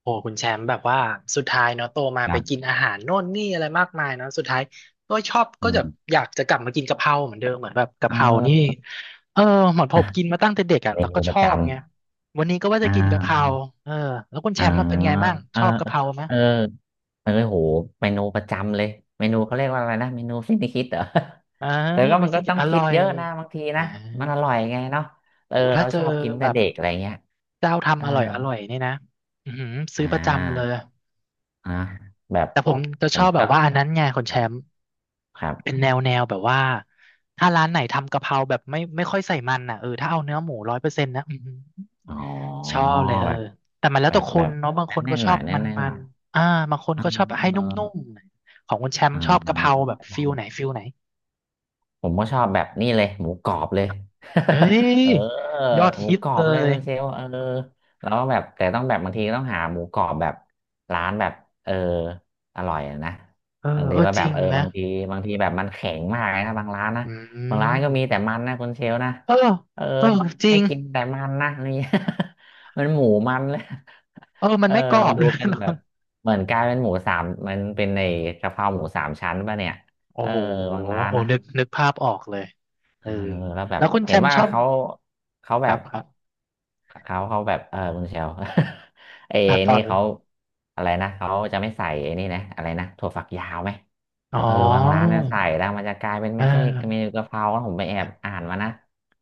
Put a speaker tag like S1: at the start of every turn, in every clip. S1: โอ้คุณแชมป์แบบว่าสุดท้ายเนาะโตมา
S2: ค
S1: ไป
S2: รั
S1: กิน
S2: บ
S1: อาหารโน่นนี่อะไรมากมายเนาะสุดท้ายก็ชอบ
S2: อื
S1: ก็จะ
S2: ม
S1: อยากจะกลับมากินกะเพราเหมือนเดิมเหมือนแบบกะ
S2: เออ
S1: เพรานี่ เออเหมือนผมกินมาตั้งแต่เด็กอ่ะ
S2: เม
S1: แล้วก็
S2: นู
S1: ช
S2: ประ
S1: อ
S2: จ
S1: บไงวันนี้ก็ว่า
S2: ำ
S1: จะ
S2: อ่า
S1: กินกะเพราเออแล้วคุณแช
S2: อ่า
S1: มป์มาเป็นไงบ้าง
S2: เอ
S1: ช
S2: อ
S1: อบกะเพราไหม
S2: เออเออโหเมนูประจำเลยเมนูเขาเรียกว่าอะไรนะเมนูสิ้นคิดเหรอ
S1: อ่า
S2: แต่ก็
S1: ไม่
S2: มัน
S1: ใช่
S2: ก็ต้อง
S1: อ
S2: คิ
S1: ร่
S2: ด
S1: อย
S2: เยอะนะบางที
S1: อ่า
S2: นะมันอร่อยไงเนาะเออ
S1: โอ้ถ้า
S2: เรา
S1: เจอ
S2: ชอบกิน
S1: แบ
S2: แต่
S1: บ
S2: เด็กอะไรเงี้ย
S1: เจ้า
S2: เออ
S1: ทำอร่อยอร่อยนี่นะอือหือ
S2: อ่
S1: ซื้อประจำเลย
S2: าอ่ะแบบ
S1: แต่ผมจะ
S2: ผ
S1: ช
S2: ม
S1: อบ
S2: ช
S1: แบ
S2: อ
S1: บ
S2: บ
S1: ว่าอันนั้นไงคน
S2: ค
S1: แช
S2: รับ
S1: มป์
S2: ครับ
S1: เป็นแนวแนวแบบว่าถ้าร้านไหนทำกะเพราแบบไม่ค่อยใส่มันอ่ะเออถ้าเอาเนื้อหมูร้อยเปอร์เซ็นต์นะอื้อหือ
S2: อ๋อ
S1: ช
S2: แบ
S1: อ
S2: บ
S1: บเลยเออแต่มันแล้ว
S2: แบ
S1: แต่
S2: บ
S1: ค
S2: แบ
S1: น
S2: บ
S1: เนาะบางคน
S2: แน่
S1: ก็
S2: นๆ
S1: ช
S2: ห
S1: อ
S2: น่อ
S1: บ
S2: ยแน่
S1: มั
S2: น
S1: นมั
S2: ๆหน่
S1: น
S2: อย
S1: อ่าบางคน
S2: เออ
S1: ก็ชอบให้นุ่ม
S2: เ
S1: ๆของคนแชม
S2: ออ
S1: ป์ชอบกะเพราแบบ
S2: เอ
S1: ฟิลไหน
S2: อ
S1: ฟิลไหน
S2: ผมก็ชอบแบบนี้เลยหมูกรอบเลย
S1: เอ้ย
S2: เออ
S1: ยอด
S2: หมู
S1: ฮิต
S2: กรอ
S1: เล
S2: บเลย
S1: ย
S2: คุณเชลเออแล้วแบบแต่ต้องแบบบางทีก็ต้องหาหมูกรอบแบบร้านแบบเอออร่อยอะนะ
S1: เออ
S2: บาง
S1: เอ
S2: ที
S1: อ
S2: ว่า
S1: จ
S2: แบ
S1: ริ
S2: บ
S1: งนะ
S2: บางทีแบบมันแข็งมากเลยนะบางร้านนะ
S1: อื
S2: บาง
S1: ม
S2: ร้านก็มีแต่มันนะคุณเชลนะ
S1: เออ
S2: เออ
S1: เออจริ
S2: ให้
S1: ง
S2: กินแต่มันนะนี่ มันหมูมันเลย
S1: เออ มั
S2: เอ
S1: น
S2: อ
S1: ไม่กรอ
S2: มั
S1: บ
S2: นดู
S1: เลย
S2: เป็น
S1: เนอะ
S2: แบบเหมือนกลายเป็นหมูสามมันเป็นในกะเพราหมูสามชั้นป่ะเนี่ย
S1: โอ้
S2: เออ
S1: โห
S2: บางร้าน
S1: โอ้
S2: นะ
S1: นึกนึกภาพออกเลย
S2: เอ
S1: เออ
S2: อแล้วแบ
S1: แล้
S2: บ
S1: วคุณแช
S2: เห็น
S1: มป์
S2: ว่า
S1: ชอบ
S2: เขา
S1: ค
S2: แบ
S1: รับ
S2: บ
S1: ครับ
S2: เขาแบบเออคุณเชล เอ
S1: ตัดต่อ
S2: นี่
S1: เลย
S2: เขาอะไรนะเขาจะไม่ใส่ไอ้นี่นะอะไรนะถั่วฝักยาวไหม
S1: อ๋อ
S2: เออบางร้านเนี่ยใส่แล้วมันจะกลายเป็น
S1: อ่
S2: ไม่ใช่เมนู
S1: า
S2: กะเพรานะผมไปแอบอ่านมานะ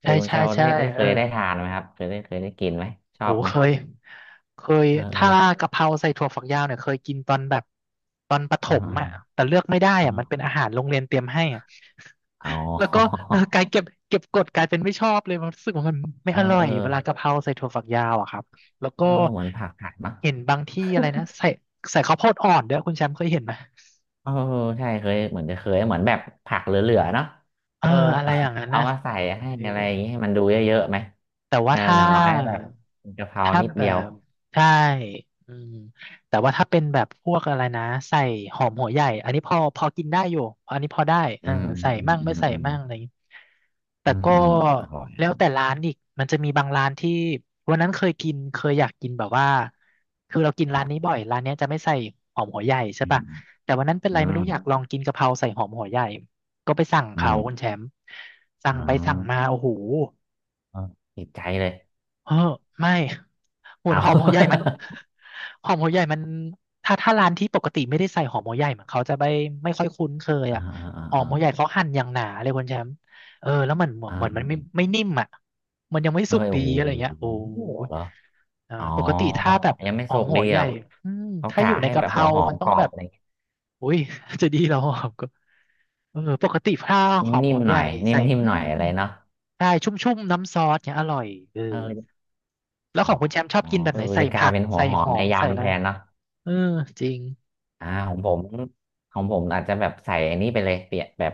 S2: เออ
S1: ใช่
S2: คุณเช
S1: ใช่
S2: ลได้
S1: ใช่
S2: ได้เค
S1: เออ
S2: ยได้ทานไหมครับเคยได้เคยได้กินไหมชอ
S1: โห
S2: บไหม
S1: เคยเคย
S2: เอ
S1: ถ้า
S2: อ
S1: กะเพราใส่ถั่วฝักยาวเนี่ยเคยกินตอนแบบตอนประถ
S2: เอ
S1: ม
S2: อ
S1: อ่ะแต่เลือกไม่ได้
S2: เออ
S1: อ่ะ
S2: เอ
S1: มันเป็น
S2: อ
S1: อาหารโรงเรียนเตรียมให้อ่ะ
S2: อ๋อ
S1: แล้วก็ เออกลายเก็บกดกลายเป็นไม่ชอบเลยมันรู้สึกว่ามันไม่
S2: เออ
S1: อร่อ
S2: เอ
S1: ย
S2: อ
S1: เวลากะเพราใส่ถั่วฝักยาวอะครับแล้วก็
S2: เออเหมือนผักผัดเนอะ
S1: เห็นบางที่อะไรนะใส่ใส่ข้าวโพดอ่อนด้วยคุณแชมป์เคยเห็นไหม
S2: เออใช่เคยเหมือนจะเคยเหมือนแบบผักเหลือๆเนาะ
S1: เออ
S2: เออ
S1: อะไรอย่างนั้ น
S2: เอา
S1: นะ
S2: มาใส่ให้
S1: เออ
S2: อะไรอย่างงี้ให้มันดูเยอะๆไหม
S1: แต่
S2: เอ
S1: ว่า
S2: อ
S1: ถ้า
S2: อย่างน้อยแบบกะเพรา
S1: ถ้า
S2: นิด
S1: แบ
S2: เดียว
S1: บใช่อืมแต่ว่าถ้าเป็นแบบพวกอะไรนะใส่หอมหัวใหญ่อันนี้พอพอกินได้อยู่อันนี้พอได้เอ
S2: อื
S1: อ
S2: ม
S1: ใส่
S2: อืม
S1: มั่ง
S2: อื
S1: ไม่
S2: ม
S1: ใส่
S2: อืม
S1: มั่งอะไรอย่างงี้แต่
S2: อืม
S1: ก็
S2: อืมอร่อย
S1: แล้วแต่ร้านอีกมันจะมีบางร้านที่วันนั้นเคยกินเคยอยากกินแบบว่าคือเรากิน
S2: ค
S1: ร้า
S2: รั
S1: น
S2: บ
S1: นี้บ่อยร้านเนี้ยจะไม่ใส่หอมหัวใหญ่ใช่
S2: อืม
S1: ปะแต่วันนั้นเป็น
S2: อื
S1: ไรไม่
S2: ม
S1: รู้อยากลองกินกะเพราใส่หอมหัวใหญ่ก็ไปสั่ง
S2: อื
S1: เขา
S2: ม
S1: คุณแชมป์สั่
S2: อ๋
S1: ง
S2: อ
S1: ไปสั่งมาโอ้โห
S2: เออติดใจเลย
S1: เออไม่หุ่น
S2: เอา
S1: หอ มหัวใหญ่มันหอมหัวใหญ่มันถ้าร้านที่ปกติไม่ได้ใส่หอมหัวใหญ่เหมือนเขาจะไม่ค่อยคุ้นเคย
S2: อ่า
S1: อ่ะ
S2: อ่า
S1: หอม
S2: อ่า
S1: หัวใหญ่เขาหั่นอย่างหนาเลยคุณแชมป์เออแล้วมันเหมือน
S2: อ่า
S1: เหมือนมันไม่นิ่มอ่ะมันยังไม่
S2: เออ
S1: สุกดี
S2: โอ้โห
S1: อะไรเงี้ยโอ้ย
S2: เหรอ
S1: เออ
S2: อ๋อ
S1: ปกติถ้าแบบ
S2: ยังไม่
S1: หอ
S2: สุ
S1: ม
S2: ก
S1: หั
S2: ดี
S1: วใหญ่
S2: อ่ะ
S1: อืม
S2: เขา
S1: ถ้า
S2: กะ
S1: อยู่ใน
S2: ให้
S1: กะ
S2: แบ
S1: เพ
S2: บหั
S1: รา
S2: วหอ
S1: มั
S2: ม
S1: นต้
S2: ก
S1: อง
S2: รอ
S1: แบ
S2: บ
S1: บ
S2: อะไรอย่างง
S1: อุ้ยจะดีเหรอหอมก็เออปกติถ้าห
S2: ี้
S1: อม
S2: นิ่
S1: หั
S2: ม
S1: ว
S2: ๆ
S1: ให
S2: หน่
S1: ญ่
S2: อย
S1: ใส่
S2: นิ่ม
S1: อื
S2: ๆหน่อย
S1: ม
S2: อะไรเนาะ
S1: ใช่ชุ่มๆน้ำซอสเนี่ยอร่อยเออ
S2: เออ
S1: แล้ว
S2: อ๋อ
S1: ของคุณแชมป์ชอบ
S2: อ๋อ
S1: กินแบบ
S2: เอ
S1: ไห
S2: อ
S1: นใส่
S2: จะกลา
S1: ผั
S2: ย
S1: ก
S2: เป็นหัว
S1: ใส่
S2: หอ
S1: ห
S2: ม
S1: อ
S2: ใน
S1: มใส่อะ
S2: ยำ
S1: ไร
S2: แทนเนาะ
S1: เออจริง
S2: อ่าของผมของผมอาจจะแบบใส่อันนี้ไปเลยเปลี่ยนแบบ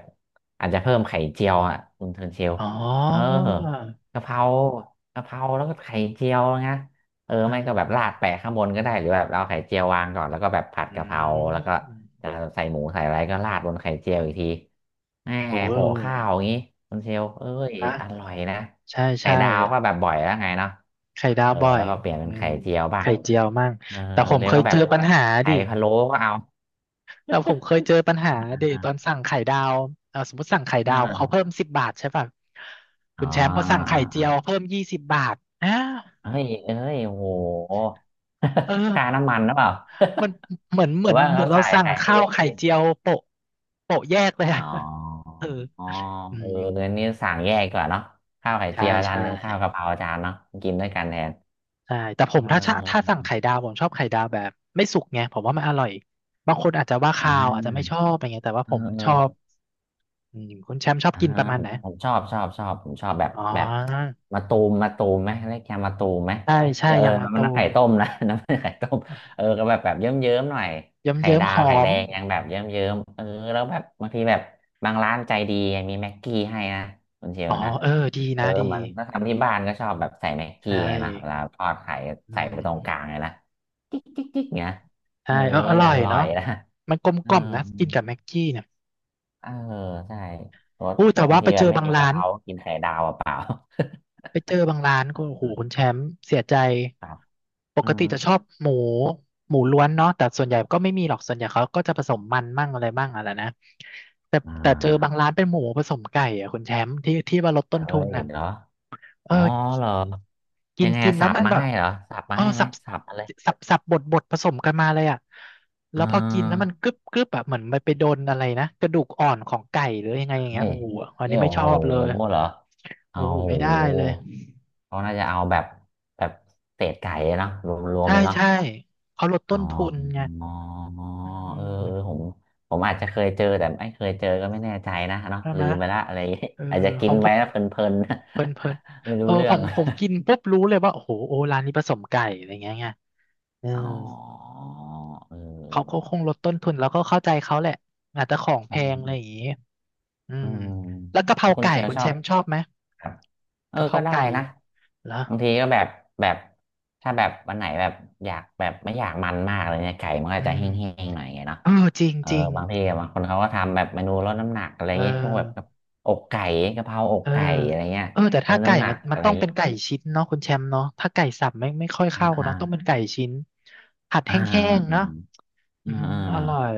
S2: อาจจะเพิ่มไข่เจียวอ่ะคุณเทิร์นเชล
S1: อ๋อ
S2: เออกะเพรากะเพราแล้วก็ไข่เจียวนะเออ
S1: อื
S2: ไม่ก็แบบราด
S1: ม
S2: แปะข้างบนก็ได้หรือแบบเราเอาไข่เจียววางก่อนแล้วก็แบบผัด
S1: อื
S2: กะเพราแล้วก็
S1: ม
S2: จะใส่หมูใส่อะไรก็ราดบนไข่เจียวอีกทีแหม
S1: โอ้
S2: โปะข้าวอย่างนี้คุณเชลเอ้ย
S1: นะ
S2: อร่อยนะ
S1: ใช่
S2: ไข่
S1: ใช่
S2: ดาวก็แบบบ่อยแล้วไงเนาะ
S1: ไข่ดา
S2: เอ
S1: ว
S2: อ
S1: บ่อ
S2: แล้
S1: ย
S2: วก็เปลี่ยน
S1: อื
S2: เป็น
S1: ม
S2: ไข่เจียวบ้าง
S1: ไข่เจียวมั่ง
S2: เออ
S1: แต่ผม
S2: เดี๋ย
S1: เค
S2: ว
S1: ย
S2: ก็แบ
S1: เจ
S2: บ
S1: อปัญหา
S2: ไข่
S1: ดิ
S2: พะโล้ก็เอา
S1: แต่ผมเคยเจอปัญหาดิตอนสั่งไข่ดาวเออสมมติสั่งไข่ดาวเขา
S2: อ่า
S1: เพิ่มสิบบาทใช่ป่ะคุ
S2: อ๋อ
S1: ณแชมป์พอ
S2: อ่า
S1: สั่งไข่เจียว
S2: อ่า
S1: เพิ่มยี่สิบบาทอ้า
S2: เฮ้ยเอ้ยโอ้โห
S1: เออ
S2: ค่าน้ำมันหรือเปล่า
S1: มันเหมือน
S2: ห
S1: เห
S2: รื
S1: มื
S2: อ
S1: อน
S2: ว่า
S1: เหมื
S2: เขา
S1: อนเรา
S2: ใส่
S1: สั่ง
S2: ไข่ให้
S1: ข้า
S2: เย
S1: ว
S2: อะ
S1: ไข่เจียวโปะโปะแยกเลย
S2: อ๋อ
S1: อะ เออ
S2: อ๋อ
S1: อื
S2: เออ
S1: ม
S2: เงินนี้สั่งแยกดีกว่าเนาะข้าวไข่
S1: ใช่
S2: เจียวจาน
S1: ใช่
S2: หนึ่งข้าวกะเพราจานเนาะกินด้วยกันแทน
S1: ใช่แต่ผ
S2: เอ
S1: มถ้าชะถ้า
S2: อ
S1: สั่งไข่ดาวผมชอบไข่ดาวแบบไม่สุกไงผมว่ามันอร่อยบางคนอาจจะว่าคา
S2: อ่า
S1: วอาจจะไม่ชอบอะไรเงี้ยแต่ว่า
S2: เอ
S1: ผ
S2: อ
S1: ม
S2: เอ
S1: ชอบ
S2: อ
S1: อืมคุณแชมป์ชอบ
S2: อ่า
S1: กินประมาณ
S2: ผ
S1: ไหน
S2: มผมชอบผมชอบแบบ
S1: อ๋
S2: แบบ
S1: อ
S2: มาตูมมาตูมไหมเรียกแกมาตูมไหม
S1: ใช่ใช่
S2: เออ
S1: ยางมะ
S2: มั
S1: ตู
S2: นน้ำไข่
S1: ม
S2: ต้มนะ น้ำไข่ต้มเออก็แบบเยิ้มเยิ้มหน่อย
S1: เยิ้ม
S2: ไข่
S1: เยิ้ม
S2: ดา
S1: ห
S2: ว
S1: อ
S2: ไข่แด
S1: ม
S2: งยังแบบเยิ้มเยิ้มเออแล้วแบบบางทีแบบบางร้านใจดีมีแม็กกี้ให้นะคุณเชียว
S1: อ๋อ
S2: นะ
S1: เออดี
S2: เออ
S1: นะดี
S2: เหมันถ้าทำที่บ้านก็ชอบแบบใส่แม็กกี้
S1: ใช่
S2: ไงนะเวลาทอดไข่
S1: อื
S2: ใส่ไป
S1: ม
S2: ตรงกลางเลยนะจิ๊กจิ๊กจิ๊กเนี้ยเอ
S1: ใช่
S2: อ
S1: เอออร่
S2: อ
S1: อย
S2: ร่อ
S1: เนาะ
S2: ยนะ
S1: มันกลม
S2: เอ
S1: ก
S2: อ
S1: ล่อมนะกินกับแม็กกี้เนี่ย
S2: เออใช่รส
S1: อู้แต่
S2: บาง
S1: ว่า
S2: ที
S1: ไป
S2: แบ
S1: เจ
S2: บ
S1: อ
S2: ไม่
S1: บาง
S2: มี
S1: ร้า
S2: กะเพ
S1: น
S2: ราก็กินไข่ดาวเปล่า
S1: ไปเจอบางร้านก็โอ้โหคุณแชมป์เสียใจ
S2: ๆครับ
S1: ป
S2: อื
S1: ก
S2: ม
S1: ติจะชอบหมูหมูล้วนเนาะแต่ส่วนใหญ่ก็ไม่มีหรอกส่วนใหญ่เขาก็จะผสมมันมั่งอะไรมั่งอะไรนะแต่
S2: อ่
S1: แต่เจอบาง
S2: า
S1: ร้านเป็นหมูผสมไก่อะคุณแชมป์ที่ที่ว่าลด
S2: เค
S1: ต้นทุน
S2: ย
S1: อ่ะ
S2: เหรอ
S1: เอ
S2: อ๋
S1: อ
S2: อเหรอ
S1: กิ
S2: ยั
S1: น
S2: งไง
S1: กิน
S2: อะ
S1: แล้
S2: สั
S1: ว
S2: บ
S1: มัน
S2: มา
S1: แบบ
S2: ให้เหรอสับมา
S1: เออ
S2: ให้ไหม
S1: สับ
S2: สับมาเลย
S1: สับสับบดบดผสมกันมาเลยอ่ะ
S2: อ่
S1: แล้วพอกินแล้ว
S2: า
S1: มันกรึบกรึบอะเหมือนมันไปโดนอะไรนะกระดูกอ่อนของไก่หรือยังไงอย่าง
S2: เฮ้
S1: เงี้ย
S2: ย
S1: โอ้โหอัน
S2: นี่
S1: นี้ไม่
S2: โอ้
S1: ช
S2: โห
S1: อบเลย
S2: เหรอ
S1: โอ้
S2: เอา
S1: โห
S2: โห
S1: ไม่ได้เลย
S2: เขาน่าจะเอาแบบแบบเศษไก่เนาะรวม
S1: ใช่
S2: ๆเลยเนาะ
S1: ใช่เขาลด
S2: อ๋
S1: ต้
S2: อ
S1: นทุนไงอื
S2: เออผ
S1: ม
S2: มผมอาจจะเคยเจอแต่ไม่เคยเจอก็ไม่แน่ใจนะเนาะ
S1: ใช่ไห
S2: ลื
S1: ม
S2: มไปละอะไรอย่างงี้
S1: เออ
S2: อาจจะ
S1: ข
S2: กิ
S1: อ
S2: น
S1: งผ
S2: ไป
S1: ม
S2: แล้วเพลินๆ
S1: เพลินเพลิน
S2: ไม่
S1: เอ
S2: รู้
S1: อ
S2: เรื่
S1: ผ
S2: อง
S1: มผมกินปุ๊บรู้เลยว่าโอ้โหโอร้านนี้ผสมไก่อะไรเงี้ยไงเออ
S2: อ๋อเอ
S1: เขาก็
S2: อ
S1: คงลดต้นทุนแล้วก็เข้าใจเขาแหละอาจจะของแพ
S2: อื
S1: งอะไร
S2: ม
S1: อย่างงี้อื
S2: อื
S1: ม
S2: ม
S1: แล้วกะเพ
S2: แล้
S1: รา
S2: วคุณ
S1: ไก่
S2: เชล
S1: คุณ
S2: ชอ
S1: แช
S2: บ
S1: มป์ชอบไหม
S2: ครับเออ
S1: กะเพรา
S2: ก็ได้
S1: ไก่
S2: นะ
S1: เหรอ
S2: บางทีก็แบบ แบบ ถ้าแบบวันไหนแบบอยากแบบไม่อยากมันมากเลยเนี่ยไก่มันก็
S1: อื
S2: จะแห
S1: ม
S2: ้งๆหน่อยไงเนาะ
S1: เออจริง
S2: เออ
S1: จริง
S2: บางทีบางคนเขาก็ทำแบบเมนูลดน้ำหนักอะไร
S1: เอ
S2: เงี้ยพวกแบบกั
S1: อ
S2: บอกไก่กะเพราอก
S1: เออ
S2: ไก่อะไรเงี้ย
S1: เออแต่
S2: ล
S1: ถ้า
S2: ด
S1: ไก่
S2: น้ำหนั
S1: มั
S2: ก
S1: นมั
S2: อะ
S1: น
S2: ไร
S1: ต้องเป็
S2: เงี้ย
S1: นไก่ชิ้นเนาะคุณแชมป์เนาะถ้าไก่สับไม่ค่อยเข้าเนาะต้องเป็น
S2: อ่า
S1: ไก่ชิ้นผัดแห
S2: อ่า
S1: ้งๆ
S2: อ่า
S1: เนาะอื
S2: อ่า
S1: ม
S2: อ่
S1: อร่อย
S2: า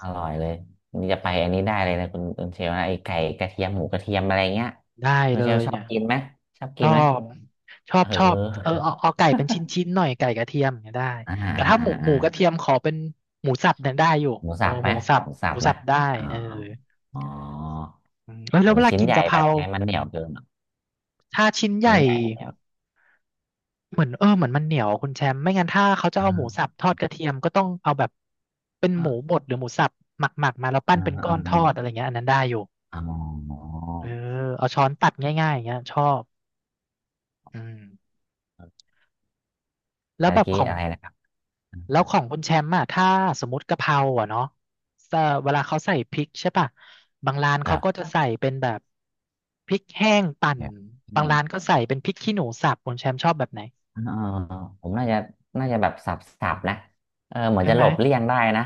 S2: อร่อยเลยนี่จะไปอันนี้ได้เลยนะคุณเชลนะไอ้ไก่กระเทียมหมูกระเทียมอะไรเงี้ย
S1: ได้
S2: คุณ
S1: เล
S2: เชล
S1: ย
S2: ชอ
S1: เนี่
S2: บ
S1: ย
S2: กินไหมชอบ
S1: ช
S2: กิน
S1: อ
S2: ไหม
S1: บชอ
S2: เอ
S1: บ
S2: อ
S1: ชอบเออเอาไก่เป็นชิ้นๆหน่อยไก่กระเทียมเนี่ยได้
S2: อ่าอ่
S1: แต่ถ้าห
S2: า
S1: มูห
S2: อ่า
S1: มูกระเทียมขอเป็นหมูสับเนี่ยได้อยู่
S2: หมู
S1: ห
S2: สั
S1: มู
S2: บไห
S1: ห
S2: ม
S1: มูสั
S2: ห
S1: บ
S2: มูสั
S1: ห
S2: บ
S1: มูสั
S2: นะ
S1: บได้
S2: อ๋อ
S1: เออ
S2: อ๋อ
S1: อืมเออแล้
S2: เอ
S1: วเว
S2: อ
S1: ลา
S2: ชิ้น
S1: กิน
S2: ใหญ่
S1: กะเพ
S2: แบ
S1: รา
S2: บไงมันเหนียวเกินเหรอ
S1: ถ้าชิ้นให
S2: ชิ้น
S1: ญ่
S2: ใหญ่แบบเหนียว
S1: เหมือนเออเหมือนมันเหนียวคุณแชมป์ไม่งั้นถ้าเขาจะเอาหมูสั
S2: อ่า
S1: บทอดกระเทียมก็ต้องเอาแบบเป็นหมูบ
S2: อ่า
S1: ดหรือหมูสับหมักมาแล้วปั้น
S2: อ่า
S1: เป็นก้อ
S2: อ่า
S1: นทอดอะไรเงี้ยอันนั้นได้อยู่
S2: อ๋อ
S1: เออ
S2: เ
S1: เอาช้อนตัดง่ายๆอย่างเงี้ยชอบอืมแล้ว
S2: มื่
S1: แบ
S2: อ
S1: บ
S2: กี้
S1: ของ
S2: อะไรนะครับ
S1: แล้วของคุณแชมป์อะถ้าสมมติกะเพราอะเนาะเวลาเขาใส่พริกใช่ป่ะบางร้าน
S2: กั
S1: เขา
S2: บ
S1: ก็จะใส่เป็นแบบพริกแห้งปั่น
S2: เนี
S1: บาง
S2: ่ย
S1: ร้านก็ใส่เป็นพริกขี้หนูสับคุณแชมป์ชอบแบบไหน
S2: อ่าผมน่าจะน่าจะแบบสับนะเออเหมือน
S1: ใช่
S2: จะ
S1: ไห
S2: ห
S1: ม
S2: ลบเลี่ยงได้นะ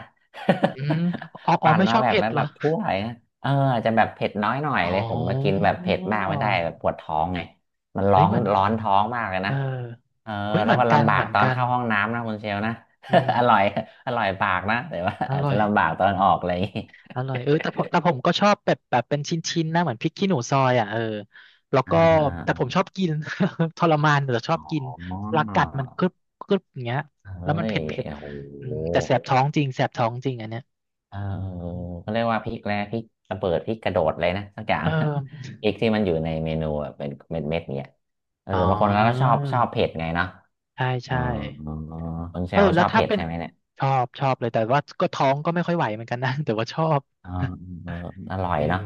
S1: อืมอ๋อ อ๋อ
S2: ปั่น
S1: ไม่ช
S2: มา
S1: อบ
S2: แบบ
S1: เผ็ดเหรอ
S2: ถ้วเลยนะเอออาจจะแบบเผ็ดน้อยหน่อย
S1: อ๋
S2: เล
S1: อ
S2: ยผมมากินแบบเผ็ดมากไม่ได้แบบปวดท้องไงมันร้
S1: เฮ้
S2: อ
S1: ย
S2: น
S1: เหมือน
S2: ร้อนท้องมากเลย
S1: เออ
S2: นะเออ
S1: เฮ้ยเห
S2: แล้ว
S1: มือน
S2: ก็
S1: กัน
S2: ลำบา
S1: เห
S2: ก
S1: มือน
S2: ตอน
S1: กัน
S2: เข้าห้องน้ำนะคุณเชลนะ
S1: อืม
S2: อร่อยอร่อยปากนะแต่ว่า
S1: อ
S2: อาจ
S1: ร่อ
S2: จะ
S1: ย
S2: ลำบากตอนออกอะไรอย่างงี้
S1: อร่อยเออแต่ผมก็ชอบแบบเป็นชิ้นๆนะเหมือนพริกขี้หนูซอยอ่ะเออแล้ว
S2: อ่
S1: ก็แต่
S2: า
S1: ผมชอบกิน ทรมานแต่ชอบ
S2: อ๋
S1: กิน
S2: อ
S1: ปลากัดมันกรึบอย่างเงี้ย
S2: เฮ้
S1: แล้วมัน
S2: ย
S1: เผ็ด
S2: โอ้
S1: อื
S2: โห
S1: มแต่แสบท้องจริงแสบท้องจริงอันเนี้ย
S2: เออเขาเรียกว่าพริกแร้พริกระเบิดพริกกระโดดเลยนะสักอย่าง
S1: เออ
S2: พริกที่มันอยู่ในเมนูอะเป็นเม็ดเม็ดเนี่ยเออ
S1: อ๋อ
S2: บางคนเขาก็ชอบเผ็ดไงเนาะ
S1: ใช่
S2: อ๋อ
S1: ใช่
S2: คุณเช
S1: เออ
S2: ล
S1: แล้
S2: ช
S1: ว
S2: อบ
S1: ถ้า
S2: เผ็ด
S1: เป็น
S2: ใช่ไหมเนี่ย
S1: ชอบชอบเลยแต่ว่าก็ท้องก็ไม่ค่อยไหวเหมือนกันนะแต่ว่าชอบ
S2: อ๋อเอออร่อย
S1: เออ
S2: เนาะ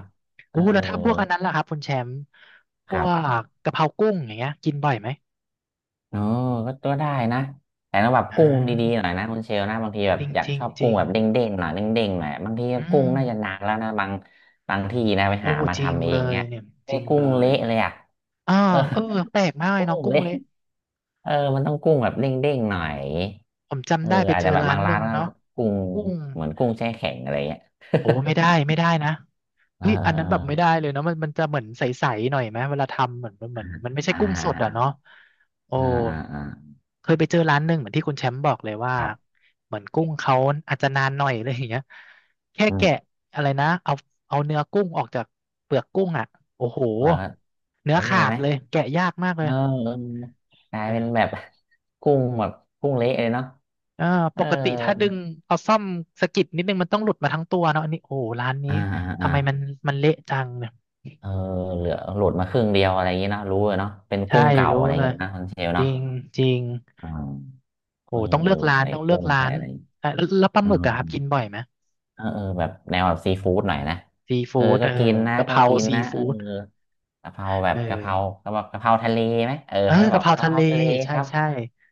S2: เอ
S1: โอ้แล้วถ้าพวกอัน
S2: อ
S1: นั้นล่ะครับคุณแชมป์พ
S2: ค
S1: ว
S2: รับ
S1: กกะเพรากุ้งอย่างเงี้ยกินบ่อยไหม
S2: เอ๋อก็ตัได้นะแต่ต้องแบบ
S1: อ่
S2: กุ้งดีๆห
S1: า
S2: น่อยนะคุณเชลนะบางทีแบ
S1: จ
S2: บ
S1: ริง
S2: อยาก
S1: จริง
S2: ชอบ
S1: จ
S2: กุ้
S1: ริ
S2: ง
S1: ง
S2: แบบเด้งๆหน่อยเด้งๆหน่อยบางที
S1: อื
S2: กุ้ง
S1: ม
S2: น่าจะหนักแล้วนะบางที่นะไป
S1: โอ้
S2: หามา
S1: จริง
S2: ทำเอ
S1: เล
S2: ง
S1: ย
S2: เนี่ย
S1: เนี่ยจ
S2: ไอ้
S1: ริง
S2: กุ้
S1: เล
S2: ง
S1: ย
S2: เละเลยอ่ะ
S1: อ่า
S2: เออ
S1: เออแปลกมากเลย
S2: กุ้
S1: เนาะ
S2: ง
S1: กุ้ง
S2: เละ
S1: เละ
S2: เออมันต้องกุ้งแบบเด้งๆหน่อย
S1: ผม
S2: เอ
S1: จำ
S2: อ
S1: ได้ไป
S2: อาจ
S1: เจอ
S2: จะแบบ
S1: ร้า
S2: บา
S1: น
S2: ง
S1: ห
S2: ร้า
S1: นึ่
S2: น
S1: ง
S2: ก็
S1: เนาะ
S2: กุ้ง
S1: กุ้ง
S2: เหมือนกุ้งแช่แข็งอะไรเงี้ย
S1: โอ้ไม่ได้นะ
S2: เออ
S1: เฮ้ยอัน
S2: เอ
S1: นั้นแบบไม่ได้เลยเนาะมันจะเหมือนใสๆหน่อยไหมเวลาทำเหมือนมัน
S2: อ
S1: ไม่ใช่กุ้งสดอ่ะเนาะโอ้
S2: อ่าอ่าอ่าอ่า
S1: เคยไปเจอร้านหนึ่งเหมือนที่คุณแชมป์บอกเลยว่า
S2: ครับ
S1: เหมือนกุ้งเขาอาจจะนานหน่อยอะไรอย่างเงี้ยแค่
S2: อื
S1: แกะ
S2: ม
S1: อะไรนะเอาเอาเนื้อกุ้งออกจากเปลือกกุ้งอ่ะโอ้โห
S2: เผื่อเละ
S1: เนื้อ
S2: เล
S1: ขา
S2: ย
S1: ด
S2: ไหม
S1: เลยแกะยากมากเล
S2: เอ
S1: ย
S2: อเออกลาย
S1: เออ
S2: เป็นแบบ กุ้งแบบกุ้งเละเลยเนาะ
S1: เออ
S2: เอ
S1: ป
S2: อ
S1: กติถ้าดึงเอาซ่อมสะกิดนิดนึงมันต้องหลุดมาทั้งตัวเนาะอันนี้โอ้โหร้านนี้
S2: อ่าอ่า
S1: ทำ
S2: อ่า
S1: ไมมันเละจังเนี่ย
S2: เออเหลือหลุดมาครึ่งเดียวอะไรอย่างงี้เนาะรู้เลยเนาะเป็น
S1: ใช่
S2: กุ้งเก่า
S1: รู้
S2: อะไรอ
S1: เล
S2: ย่าง
S1: ย
S2: งี้นะคุณเชล
S1: จ
S2: เนาะ
S1: ริงจริง
S2: อ่า
S1: โอ้
S2: เออ
S1: ต้อง
S2: เอ
S1: เลื
S2: อ
S1: อกร้าน
S2: ใส่
S1: ต้องเลือ
S2: กุ้
S1: ก
S2: ง
S1: ร้า
S2: ใส่
S1: น
S2: อะไรอย่างงี้
S1: อ่ะแล้วปลาหมึกอะครับกินบ่อยไหม
S2: เออเออแบบแนวแบบซีฟู้ดหน่อยนะ
S1: ซี
S2: เออ
S1: ฟู้ด
S2: ก็
S1: เอ
S2: กิ
S1: อ
S2: นนะ
S1: กะเพ
S2: ก็
S1: รา
S2: กิน
S1: ซี
S2: นะเออ
S1: ฟู้ด
S2: กะเพราแบบ
S1: เออ
S2: กะเพราเขาบบกกะเพราทะเลไหมเออ
S1: เออ
S2: เขาจะบ
S1: กะ
S2: อก
S1: เพรา
S2: กะ
S1: ทะ
S2: เพ
S1: เล
S2: ราทะเล
S1: ใช่
S2: ครับ
S1: ใช่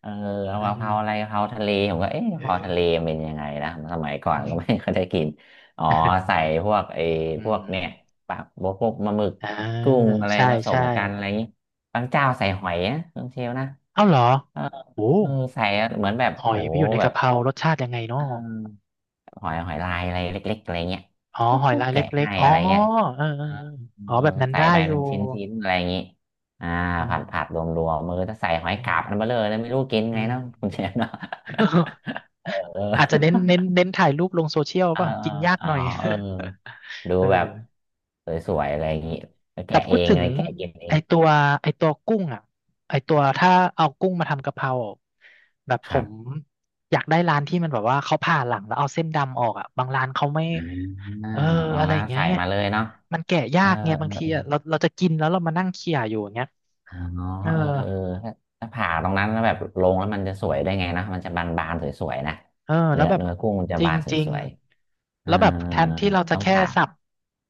S2: เออเอา
S1: เออ
S2: กะเพราอะไรกะเพราทะเลผมก็เอ๊ะกะ
S1: เอ
S2: เพรา
S1: อ
S2: ทะเลมันเป็นยังไงนะสมัยก่อนก็ไม่เคอยได้กินอ๋อใส่ พวกไอ้
S1: อื
S2: พวก
S1: ม
S2: เนี่ยปลาพวกปลาหมึก
S1: อ่า
S2: กุ้งอะไร
S1: ใช่
S2: ผส
S1: ใช่
S2: มกันอะไรอย่างนี้บางเจ้าใส่หอยนะบางเชลนะ
S1: เอ้าเหรอ
S2: เออ
S1: โอ้
S2: เออใส่เหมือนแบบ
S1: หอ
S2: โอ้
S1: ยไป
S2: โห
S1: อยู่ใน
S2: แบ
S1: กะ
S2: บ
S1: เพรารสชาติยังไง
S2: เอ
S1: เนาะ
S2: อ หอยหอยลายอะไรเล็กๆอะไรเงี้ย
S1: อ๋อ
S2: ปุ๊บ
S1: หอย
S2: ปุ๊บ
S1: ลายเล
S2: แกะ
S1: ็ก
S2: ให้
S1: ๆอ๋อ
S2: อะไรเงี้ย
S1: เออเอ
S2: เอ
S1: อ
S2: อ
S1: เอออ๋อ
S2: เออ
S1: แบบนั้น
S2: ใส่
S1: ได้
S2: ไป
S1: อ
S2: เป็
S1: ยู่
S2: นชิ้นๆอะไรอย่างงี้อ่า
S1: อื
S2: ผั
S1: ม
S2: ดผัดรวมมือถ้าใส่หอย
S1: อื
S2: กาบมัน
S1: ม
S2: เบ้อเร่อเลยไม่รู้กิน
S1: อื
S2: ไง
S1: ม
S2: เนาะ คุณเชฟเนาะ เออ
S1: อาจจะเน้นเน้นถ่ายรูปลงโซเชียล
S2: เอ
S1: ก
S2: อ
S1: ป่ะ
S2: เออ
S1: กินยาก
S2: อ๋
S1: ห
S2: อ
S1: น่อย
S2: เออดู
S1: เออ
S2: แบบสวยๆอะไรอย่า
S1: อื
S2: งงี้
S1: ม
S2: ไป
S1: แต่
S2: แกะ
S1: พู
S2: เอ
S1: ด
S2: ง
S1: ถึ
S2: อะ
S1: ง
S2: ไรแกะกินเอ
S1: ไอ
S2: ง
S1: ตัวไอตัวกุ้งอ่ะไอตัวถ้าเอากุ้งมาทำกะเพราแบบ
S2: ค
S1: ผ
S2: รั
S1: ม
S2: บ
S1: อยากได้ร้านที่มันแบบว่าเขาผ่าหลังแล้วเอาเส้นดำออกอ่ะบางร้านเขาไม่
S2: อ่า
S1: เออ
S2: บาง
S1: อะไร
S2: ร้า
S1: อ
S2: น
S1: ย่างเงี้ย
S2: ใส่
S1: ไง
S2: มาเลยเนาะ
S1: มันแกะยา
S2: เออ
S1: กไงบางทีอะเราจะกินแล้วเรามานั่งเคี่ยอยู่อย่างเงี้ย
S2: อ๋อ
S1: เออ
S2: เออเออถ้าถ้าผ่าตรงนั้นแล้วแบบลงแล้วมันจะสวยได้ไงนะมันจะบานๆสวยๆนะ
S1: เออแล้
S2: เนื้
S1: ว
S2: อ
S1: แบบ
S2: เนื้อกุ้งมันจะ
S1: จ
S2: บานส
S1: ริง
S2: วยๆ
S1: ๆแล้
S2: อ่า
S1: วแบบแทนที่เราจะ
S2: ต้อง
S1: แค่
S2: ผ่า
S1: สับ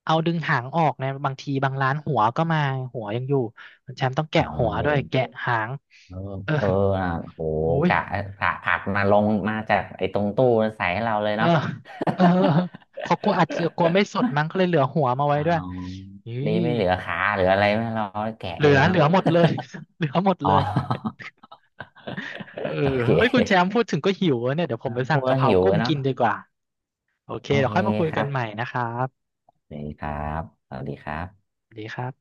S1: เอาดึงหางออกเนี่ยบางทีบางร้านหัวก็มาหัวยังอยู่แชมป์ต้อง
S2: เ
S1: แกะหัวด้วย
S2: ออ
S1: แกะหาง
S2: เออ
S1: เออ
S2: เอออ่ะโห
S1: โอ้ย
S2: กะผ่าผัดมาลงมาจากไอ้ตรงตู้ใส่ให้เราเลย
S1: เออ
S2: เนาะ
S1: เออเขากลัวอัดเสือกลัวไม่สดมั้งก็เลยเหลือหัวมาไว้
S2: อ๋
S1: ด้วย
S2: อ
S1: นี่
S2: ดีไม่เหลือขาเหลืออะไรไม่เราแกะ
S1: เหลื
S2: เอ
S1: อ
S2: ง
S1: เหลื
S2: เนาะ
S1: อหมดเลย เหลือหมด
S2: อ๋
S1: เลย
S2: อ
S1: เออ
S2: โอเ
S1: เฮ้ยคุณแช
S2: ค
S1: มป์พูดถึงก็หิวอะเนี่ยเดี๋ยวผ
S2: อ่า
S1: มไป
S2: พู
S1: สั่ง
S2: ดแล้
S1: กะ
S2: ว
S1: เพรา
S2: หิว
S1: กุ้
S2: เล
S1: ง
S2: ยเนาะ
S1: กินดีกว่าโอเค
S2: โอ
S1: เดี๋ย
S2: เค
S1: วค่อยมาคุย
S2: ครั
S1: กันใหม่
S2: บ
S1: นะครับ
S2: สวัสดีครับสวัสดีครับ
S1: สวัสดีครับ